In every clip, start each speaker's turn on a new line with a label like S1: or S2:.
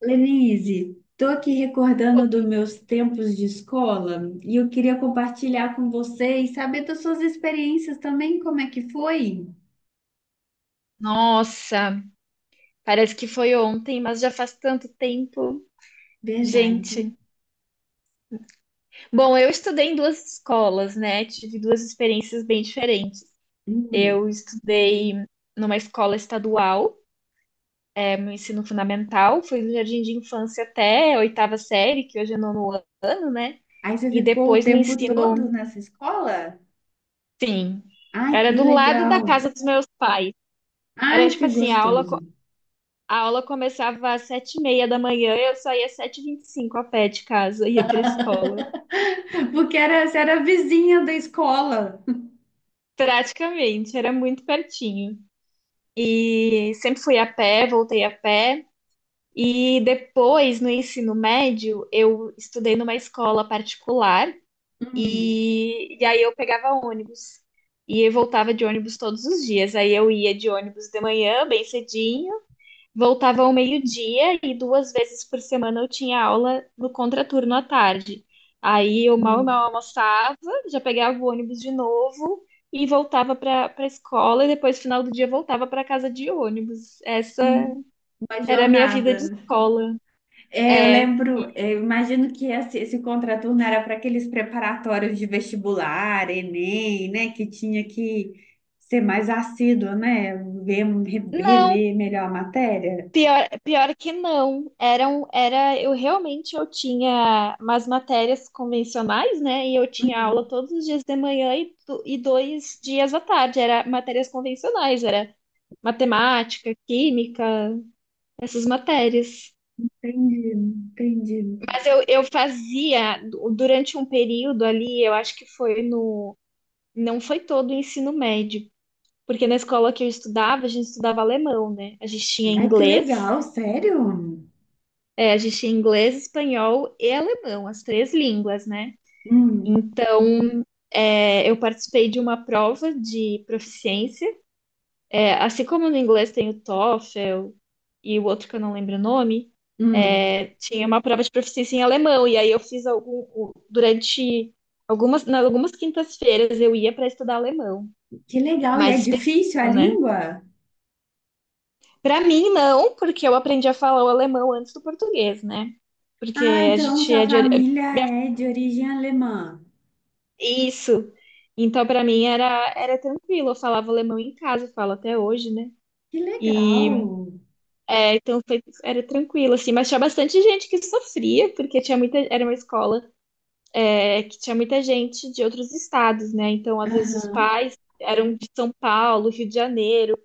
S1: Lenise, estou aqui recordando dos meus tempos de escola e eu queria compartilhar com você e saber das suas experiências também, como é que foi?
S2: Nossa, parece que foi ontem, mas já faz tanto tempo.
S1: Verdade.
S2: Gente, bom, eu estudei em duas escolas, né? Tive duas experiências bem diferentes. Eu
S1: Hum.
S2: estudei numa escola estadual, é meu ensino fundamental, foi do jardim de infância até a oitava série, que hoje é nono ano, né?
S1: Aí você
S2: E
S1: ficou o
S2: depois no
S1: tempo
S2: ensino,
S1: todo nessa escola?
S2: sim,
S1: Ai,
S2: era
S1: que
S2: do lado
S1: legal.
S2: da casa dos meus pais. Era
S1: Ai,
S2: tipo
S1: que
S2: assim, a aula
S1: gostoso.
S2: A aula começava às sete e meia da manhã, eu saía às sete e vinte e cinco a pé de casa, ia para a escola.
S1: Porque você era vizinha da escola.
S2: Praticamente, era muito pertinho. E sempre fui a pé, voltei a pé. E depois, no ensino médio, eu estudei numa escola particular
S1: Hum.
S2: e aí eu pegava ônibus. E eu voltava de ônibus todos os dias. Aí eu ia de ônibus de manhã, bem cedinho. Voltava ao meio-dia e duas vezes por semana eu tinha aula no contraturno à tarde. Aí eu mal e mal
S1: Hum.
S2: almoçava, já pegava o ônibus de novo e voltava para a escola e depois, final do dia, voltava para casa de ônibus. Essa
S1: Hum. Uma
S2: era a minha vida de
S1: jornada.
S2: escola.
S1: É, eu
S2: É,
S1: lembro, é, eu imagino que esse contraturno era para aqueles preparatórios de vestibular, Enem, né? Que tinha que ser mais assíduo, né? Ver,
S2: não.
S1: rever melhor a matéria.
S2: Pior, pior que não. Eram, era, eu realmente eu tinha umas matérias convencionais, né? E eu tinha aula
S1: Hum,
S2: todos os dias de manhã e, e dois dias à tarde. Era matérias convencionais, era matemática, química, essas matérias.
S1: entendi, entendi.
S2: Mas eu fazia durante um período ali, eu acho que foi no, não foi todo o ensino médio, porque na escola que eu estudava, a gente estudava alemão, né? A gente tinha
S1: Ai, que
S2: inglês.
S1: legal, sério?
S2: É, a gente tinha inglês, espanhol e alemão, as três línguas, né?
S1: Hum,
S2: Então, é, eu participei de uma prova de proficiência. É, assim como no inglês tem o TOEFL e o outro que eu não lembro o nome,
S1: hum,
S2: é, tinha uma prova de proficiência em alemão. E aí eu fiz algum, durante algumas, nas algumas quintas-feiras eu ia para estudar alemão,
S1: que legal. E é
S2: mais
S1: difícil a
S2: específico, né?
S1: língua?
S2: Para mim, não, porque eu aprendi a falar o alemão antes do português, né? Porque
S1: Ah,
S2: a
S1: então
S2: gente
S1: sua
S2: é de,
S1: família é de origem alemã.
S2: Isso. Então, para mim era, era tranquilo. Eu falava alemão em casa, falo até hoje, né?
S1: Que legal.
S2: E é, então foi, era tranquilo, assim, mas tinha bastante gente que sofria, porque tinha muita, era uma escola é, que tinha muita gente de outros estados, né? Então, às vezes, os
S1: Aham.
S2: pais eram de São Paulo, Rio de Janeiro,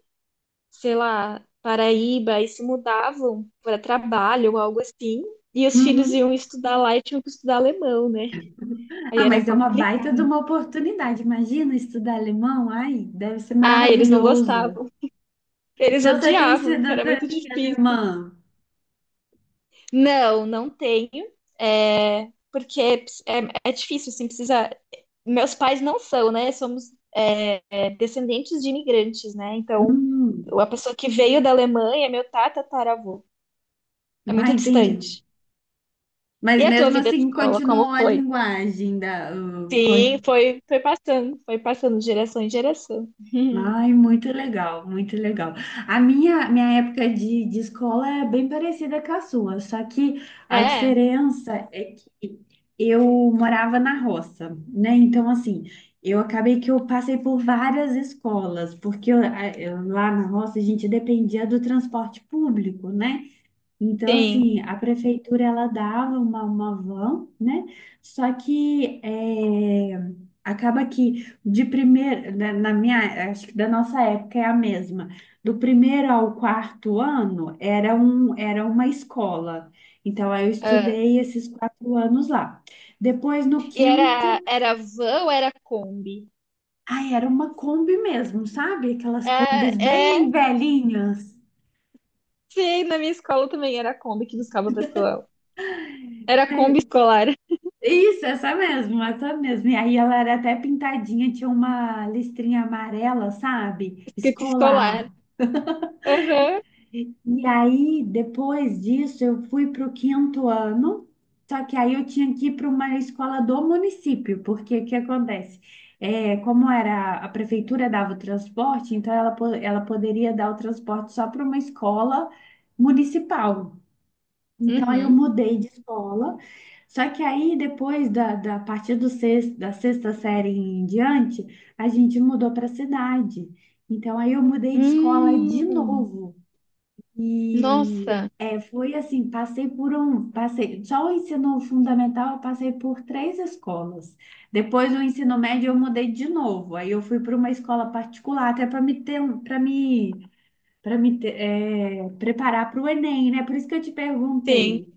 S2: sei lá, Paraíba, e se mudavam para trabalho ou algo assim. E os filhos
S1: Uhum.
S2: iam estudar lá e tinham que estudar alemão, né? Aí
S1: Ah,
S2: era
S1: mas é uma baita de
S2: complicado.
S1: uma oportunidade. Imagina estudar alemão? Ai, deve ser
S2: Ah, eles não
S1: maravilhoso.
S2: gostavam. Eles
S1: Então você tem
S2: odiavam, porque era
S1: cidadania
S2: muito difícil.
S1: alemã.
S2: Não, não tenho. É, porque é, é difícil, assim, precisa. Meus pais não são, né? Somos é, é, descendentes de imigrantes, né? Então,
S1: Hum,
S2: a pessoa que veio da Alemanha é meu tatataravô. É
S1: ah,
S2: muito
S1: entendi.
S2: distante. E
S1: Mas
S2: a tua
S1: mesmo
S2: vida de
S1: assim
S2: escola, como
S1: continuou a
S2: foi?
S1: linguagem da.
S2: Sim, foi, foi passando de geração em geração.
S1: Ai, muito legal, muito legal. A minha época de escola é bem parecida com a sua, só que a
S2: É,
S1: diferença é que eu morava na roça, né? Então, assim, eu acabei que eu passei por várias escolas, porque lá na roça a gente dependia do transporte público, né? Então, assim,
S2: sim.
S1: a prefeitura ela dava uma van, né? Só que é, acaba que de primeiro, na minha, acho que da nossa época é a mesma. Do primeiro ao quarto ano era uma escola. Então, aí eu
S2: Ah,
S1: estudei esses 4 anos lá. Depois, no
S2: e era,
S1: quinto,
S2: era van ou era Kombi?
S1: ai, era uma Kombi mesmo, sabe? Aquelas
S2: Ah,
S1: Kombis bem
S2: é,
S1: velhinhas.
S2: sim, na minha escola também era a Kombi que buscava o pessoal. Era a Kombi escolar,
S1: Isso, essa mesmo, essa mesmo. E aí ela era até pintadinha, tinha uma listrinha amarela, sabe?
S2: escrito escolar.
S1: Escolar.
S2: Aham.
S1: E aí, depois disso, eu fui para o quinto ano, só que aí eu tinha que ir para uma escola do município, porque o que acontece? É, como era a prefeitura dava o transporte, então ela poderia dar o transporte só para uma escola municipal. Então, aí eu
S2: Uhum.
S1: mudei de escola. Só que aí, depois da, da a partir do sexto, da sexta série em diante, a gente mudou para a cidade. Então, aí eu mudei de escola de
S2: Hum.
S1: novo. E
S2: Nossa,
S1: foi assim, passei, só o ensino fundamental eu passei por três escolas. Depois do ensino médio eu mudei de novo. Aí eu fui para uma escola particular, até para me ter, preparar para o Enem, né? Por isso que eu te
S2: sim.
S1: perguntei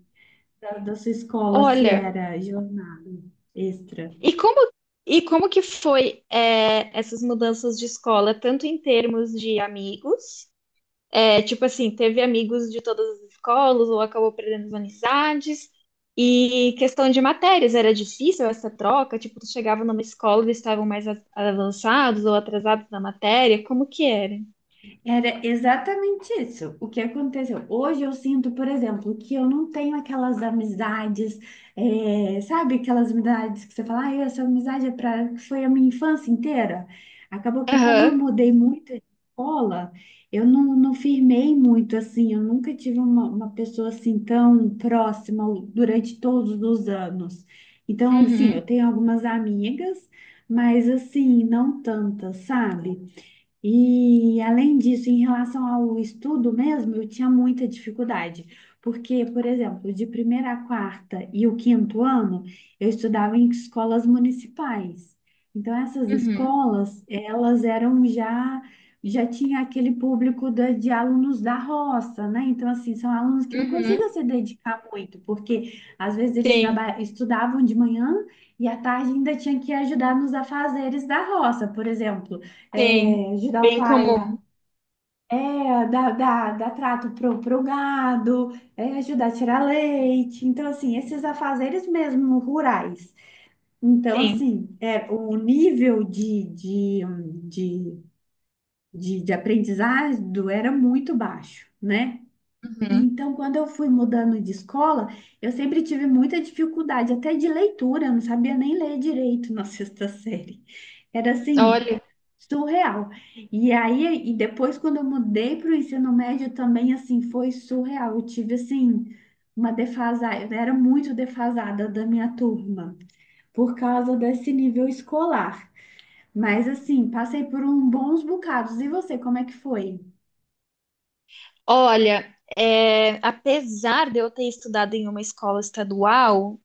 S1: da sua escola se
S2: Olha,
S1: era jornada extra?
S2: e como e como que foi é, essas mudanças de escola, tanto em termos de amigos. É, tipo assim, teve amigos de todas as escolas, ou acabou perdendo as amizades. E questão de matérias, era difícil essa troca? Tipo, tu chegava numa escola, eles estavam mais avançados ou atrasados na matéria? Como que era?
S1: Era exatamente isso. O que aconteceu? Hoje eu sinto, por exemplo, que eu não tenho aquelas amizades, sabe? Aquelas amizades que você fala, ah, essa amizade é pra, foi a minha infância inteira. Acabou que, como
S2: Aham,
S1: eu mudei muito de escola, eu não firmei muito assim. Eu nunca tive uma pessoa assim tão próxima durante todos os anos. Então, assim, eu
S2: uhum,
S1: tenho algumas amigas, mas assim, não tantas, sabe? E além disso, em relação ao estudo mesmo, eu tinha muita dificuldade, porque, por exemplo, de primeira a quarta e o quinto ano, eu estudava em escolas municipais. Então, essas
S2: uhum,
S1: escolas, já tinha aquele público de alunos da roça, né? Então, assim, são alunos que não conseguiam
S2: uhum.
S1: se dedicar muito, porque às vezes eles
S2: Sim,
S1: estudavam de manhã e à tarde ainda tinham que ajudar nos afazeres da roça, por exemplo
S2: sim.
S1: ajudar o
S2: Bem
S1: pai a
S2: comum,
S1: dar trato pro gado, ajudar a tirar leite. Então, assim, esses afazeres mesmo rurais. Então,
S2: sim.
S1: assim, o nível de, de aprendizado era muito baixo, né? E
S2: Uhum.
S1: então, quando eu fui mudando de escola, eu sempre tive muita dificuldade, até de leitura, eu não sabia nem ler direito na sexta série. Era assim,
S2: Olha,
S1: surreal. E aí, e depois, quando eu mudei para o ensino médio, também, assim, foi surreal. Eu tive, assim, uma defasada, eu era muito defasada da minha turma, por causa desse nível escolar. Mas, assim, passei por um bons bocados. E você, como é que foi?
S2: olha, é, apesar de eu ter estudado em uma escola estadual,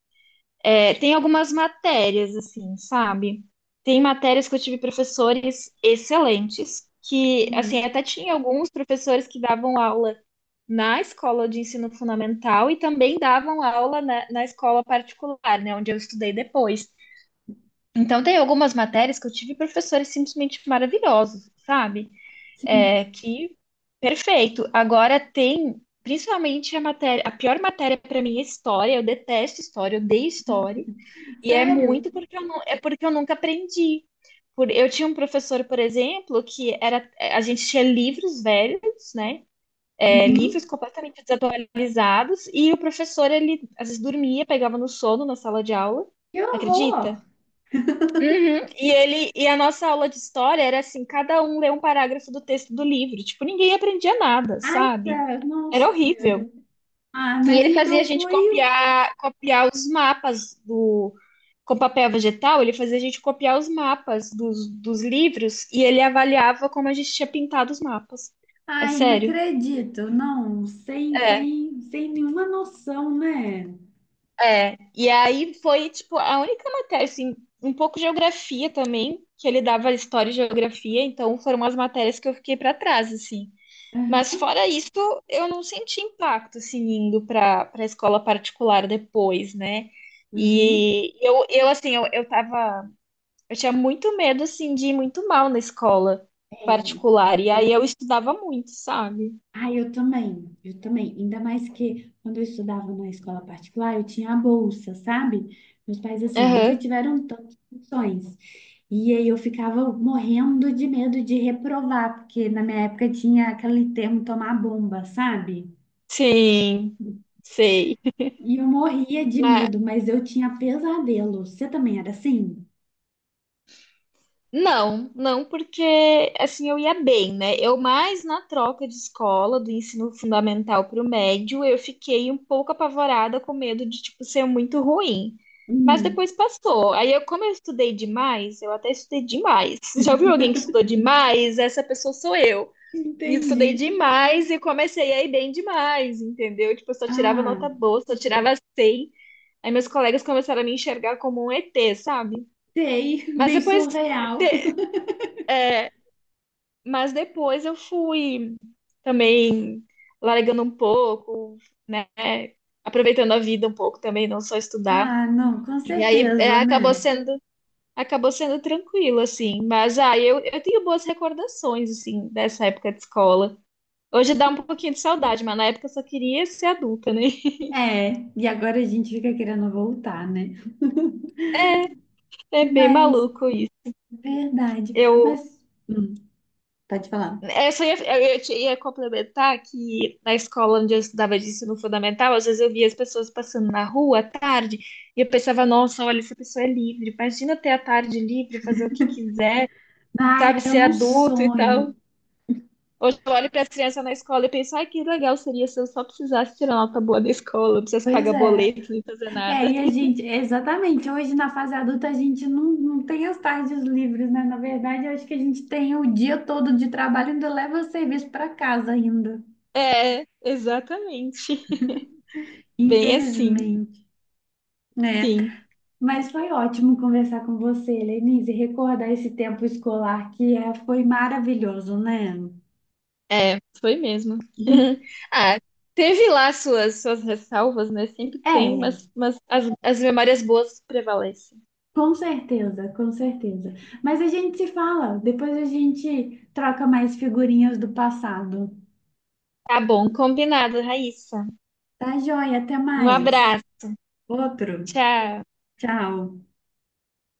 S2: é, tem algumas matérias, assim, sabe? Tem matérias que eu tive professores excelentes, que, assim,
S1: Uhum.
S2: até tinha alguns professores que davam aula na escola de ensino fundamental e também davam aula na, na escola particular, né, onde eu estudei depois. Então, tem algumas matérias que eu tive professores simplesmente maravilhosos, sabe? É,
S1: Sim.
S2: que perfeito. Agora, tem, principalmente, a matéria, a pior matéria para mim é história. Eu detesto história, eu odeio história. E é
S1: Sério?
S2: muito porque eu não, é porque eu nunca aprendi. Por, eu tinha um professor, por exemplo, que era, a gente tinha livros velhos, né? É,
S1: Uhum.
S2: livros completamente desatualizados, e o professor, ele às vezes dormia, pegava no sono na sala de aula,
S1: Que horror!
S2: acredita? Uhum. E ele, e a nossa aula de história era assim, cada um lê um parágrafo do texto do livro. Tipo, ninguém aprendia nada,
S1: Ai,
S2: sabe?
S1: cara,
S2: Era
S1: nossa
S2: horrível.
S1: senhora. Ah,
S2: E
S1: mas
S2: ele fazia
S1: então
S2: a gente
S1: foi.
S2: copiar, copiar os mapas do, com papel vegetal, ele fazia a gente copiar os mapas dos, dos livros e ele avaliava como a gente tinha pintado os mapas. É
S1: Ai, não
S2: sério.
S1: acredito. Não, sem,
S2: É,
S1: sem, sem nenhuma noção, né?
S2: é. E aí foi, tipo, a única matéria, assim, um pouco de geografia também, que ele dava história e geografia, então foram as matérias que eu fiquei pra trás, assim. Mas
S1: Aham,
S2: fora isso, eu não senti impacto assim indo para a escola particular depois, né?
S1: aham.
S2: E eu assim, eu tava, eu tinha muito medo assim de ir muito mal na escola
S1: É.
S2: particular e aí eu estudava muito, sabe?
S1: Ai, eu também, eu também. Ainda mais que quando eu estudava na escola particular, eu tinha a bolsa, sabe? Meus pais, assim, nunca
S2: Aham.
S1: tiveram tantas opções. E aí eu ficava morrendo de medo de reprovar, porque na minha época tinha aquele termo tomar bomba, sabe?
S2: Sim, sei.
S1: E eu morria de medo, mas eu tinha pesadelo. Você também era assim?
S2: Não, não, porque assim eu ia bem, né? Eu mais na troca de escola do ensino fundamental para o médio, eu fiquei um pouco apavorada com medo de tipo ser muito ruim. Mas
S1: Hum,
S2: depois passou. Aí eu, como eu estudei demais, eu até estudei demais. Já ouviu alguém que estudou demais? Essa pessoa sou eu. Estudei
S1: entendi.
S2: demais e comecei a ir bem demais, entendeu? Tipo, eu só tirava
S1: Ah,
S2: nota boa, só tirava 100. Aí meus colegas começaram a me enxergar como um ET, sabe?
S1: sei,
S2: Mas
S1: bem
S2: depois
S1: surreal.
S2: mas depois eu fui também largando um pouco, né? Aproveitando a vida um pouco também, não só estudar.
S1: Ah, não, com
S2: E aí é,
S1: certeza, né?
S2: acabou sendo tranquilo, assim. Mas ah, eu tenho boas recordações, assim, dessa época de escola. Hoje dá um pouquinho de saudade, mas na época eu só queria ser adulta, né?
S1: É, e agora a gente fica querendo voltar, né?
S2: É bem
S1: Mas,
S2: maluco isso.
S1: verdade.
S2: Eu
S1: Mas, hum, pode falar.
S2: essa ia, eu ia, ia complementar que na escola onde eu estudava de ensino fundamental, às vezes eu via as pessoas passando na rua à tarde e eu pensava, nossa, olha, essa pessoa é livre. Imagina ter a tarde livre, fazer o que quiser,
S1: Ai,
S2: sabe,
S1: era
S2: ser
S1: um
S2: adulto e tal.
S1: sonho.
S2: Hoje eu olho para as crianças na escola e penso, ai, que legal seria se eu só precisasse tirar nota boa da escola, não precisasse
S1: Pois
S2: pagar
S1: é.
S2: boleto, nem fazer
S1: É,
S2: nada.
S1: e a gente, exatamente, hoje na fase adulta a gente não tem as tardes livres, né? Na verdade, eu acho que a gente tem o dia todo de trabalho e ainda leva o serviço para casa ainda,
S2: É, exatamente. Bem assim,
S1: infelizmente. É,
S2: sim.
S1: mas foi ótimo conversar com você, Lenise, e recordar esse tempo escolar que foi maravilhoso, né?
S2: É, foi mesmo.
S1: Uhum.
S2: Ah, teve lá suas, suas ressalvas, né? Sempre tem,
S1: É,
S2: mas as memórias boas prevalecem.
S1: com certeza, com certeza. Mas a gente se fala, depois a gente troca mais figurinhas do passado.
S2: Tá bom, combinado, Raíssa.
S1: Tá joia, até
S2: Um
S1: mais.
S2: abraço,
S1: Outro.
S2: tchau.
S1: Tchau.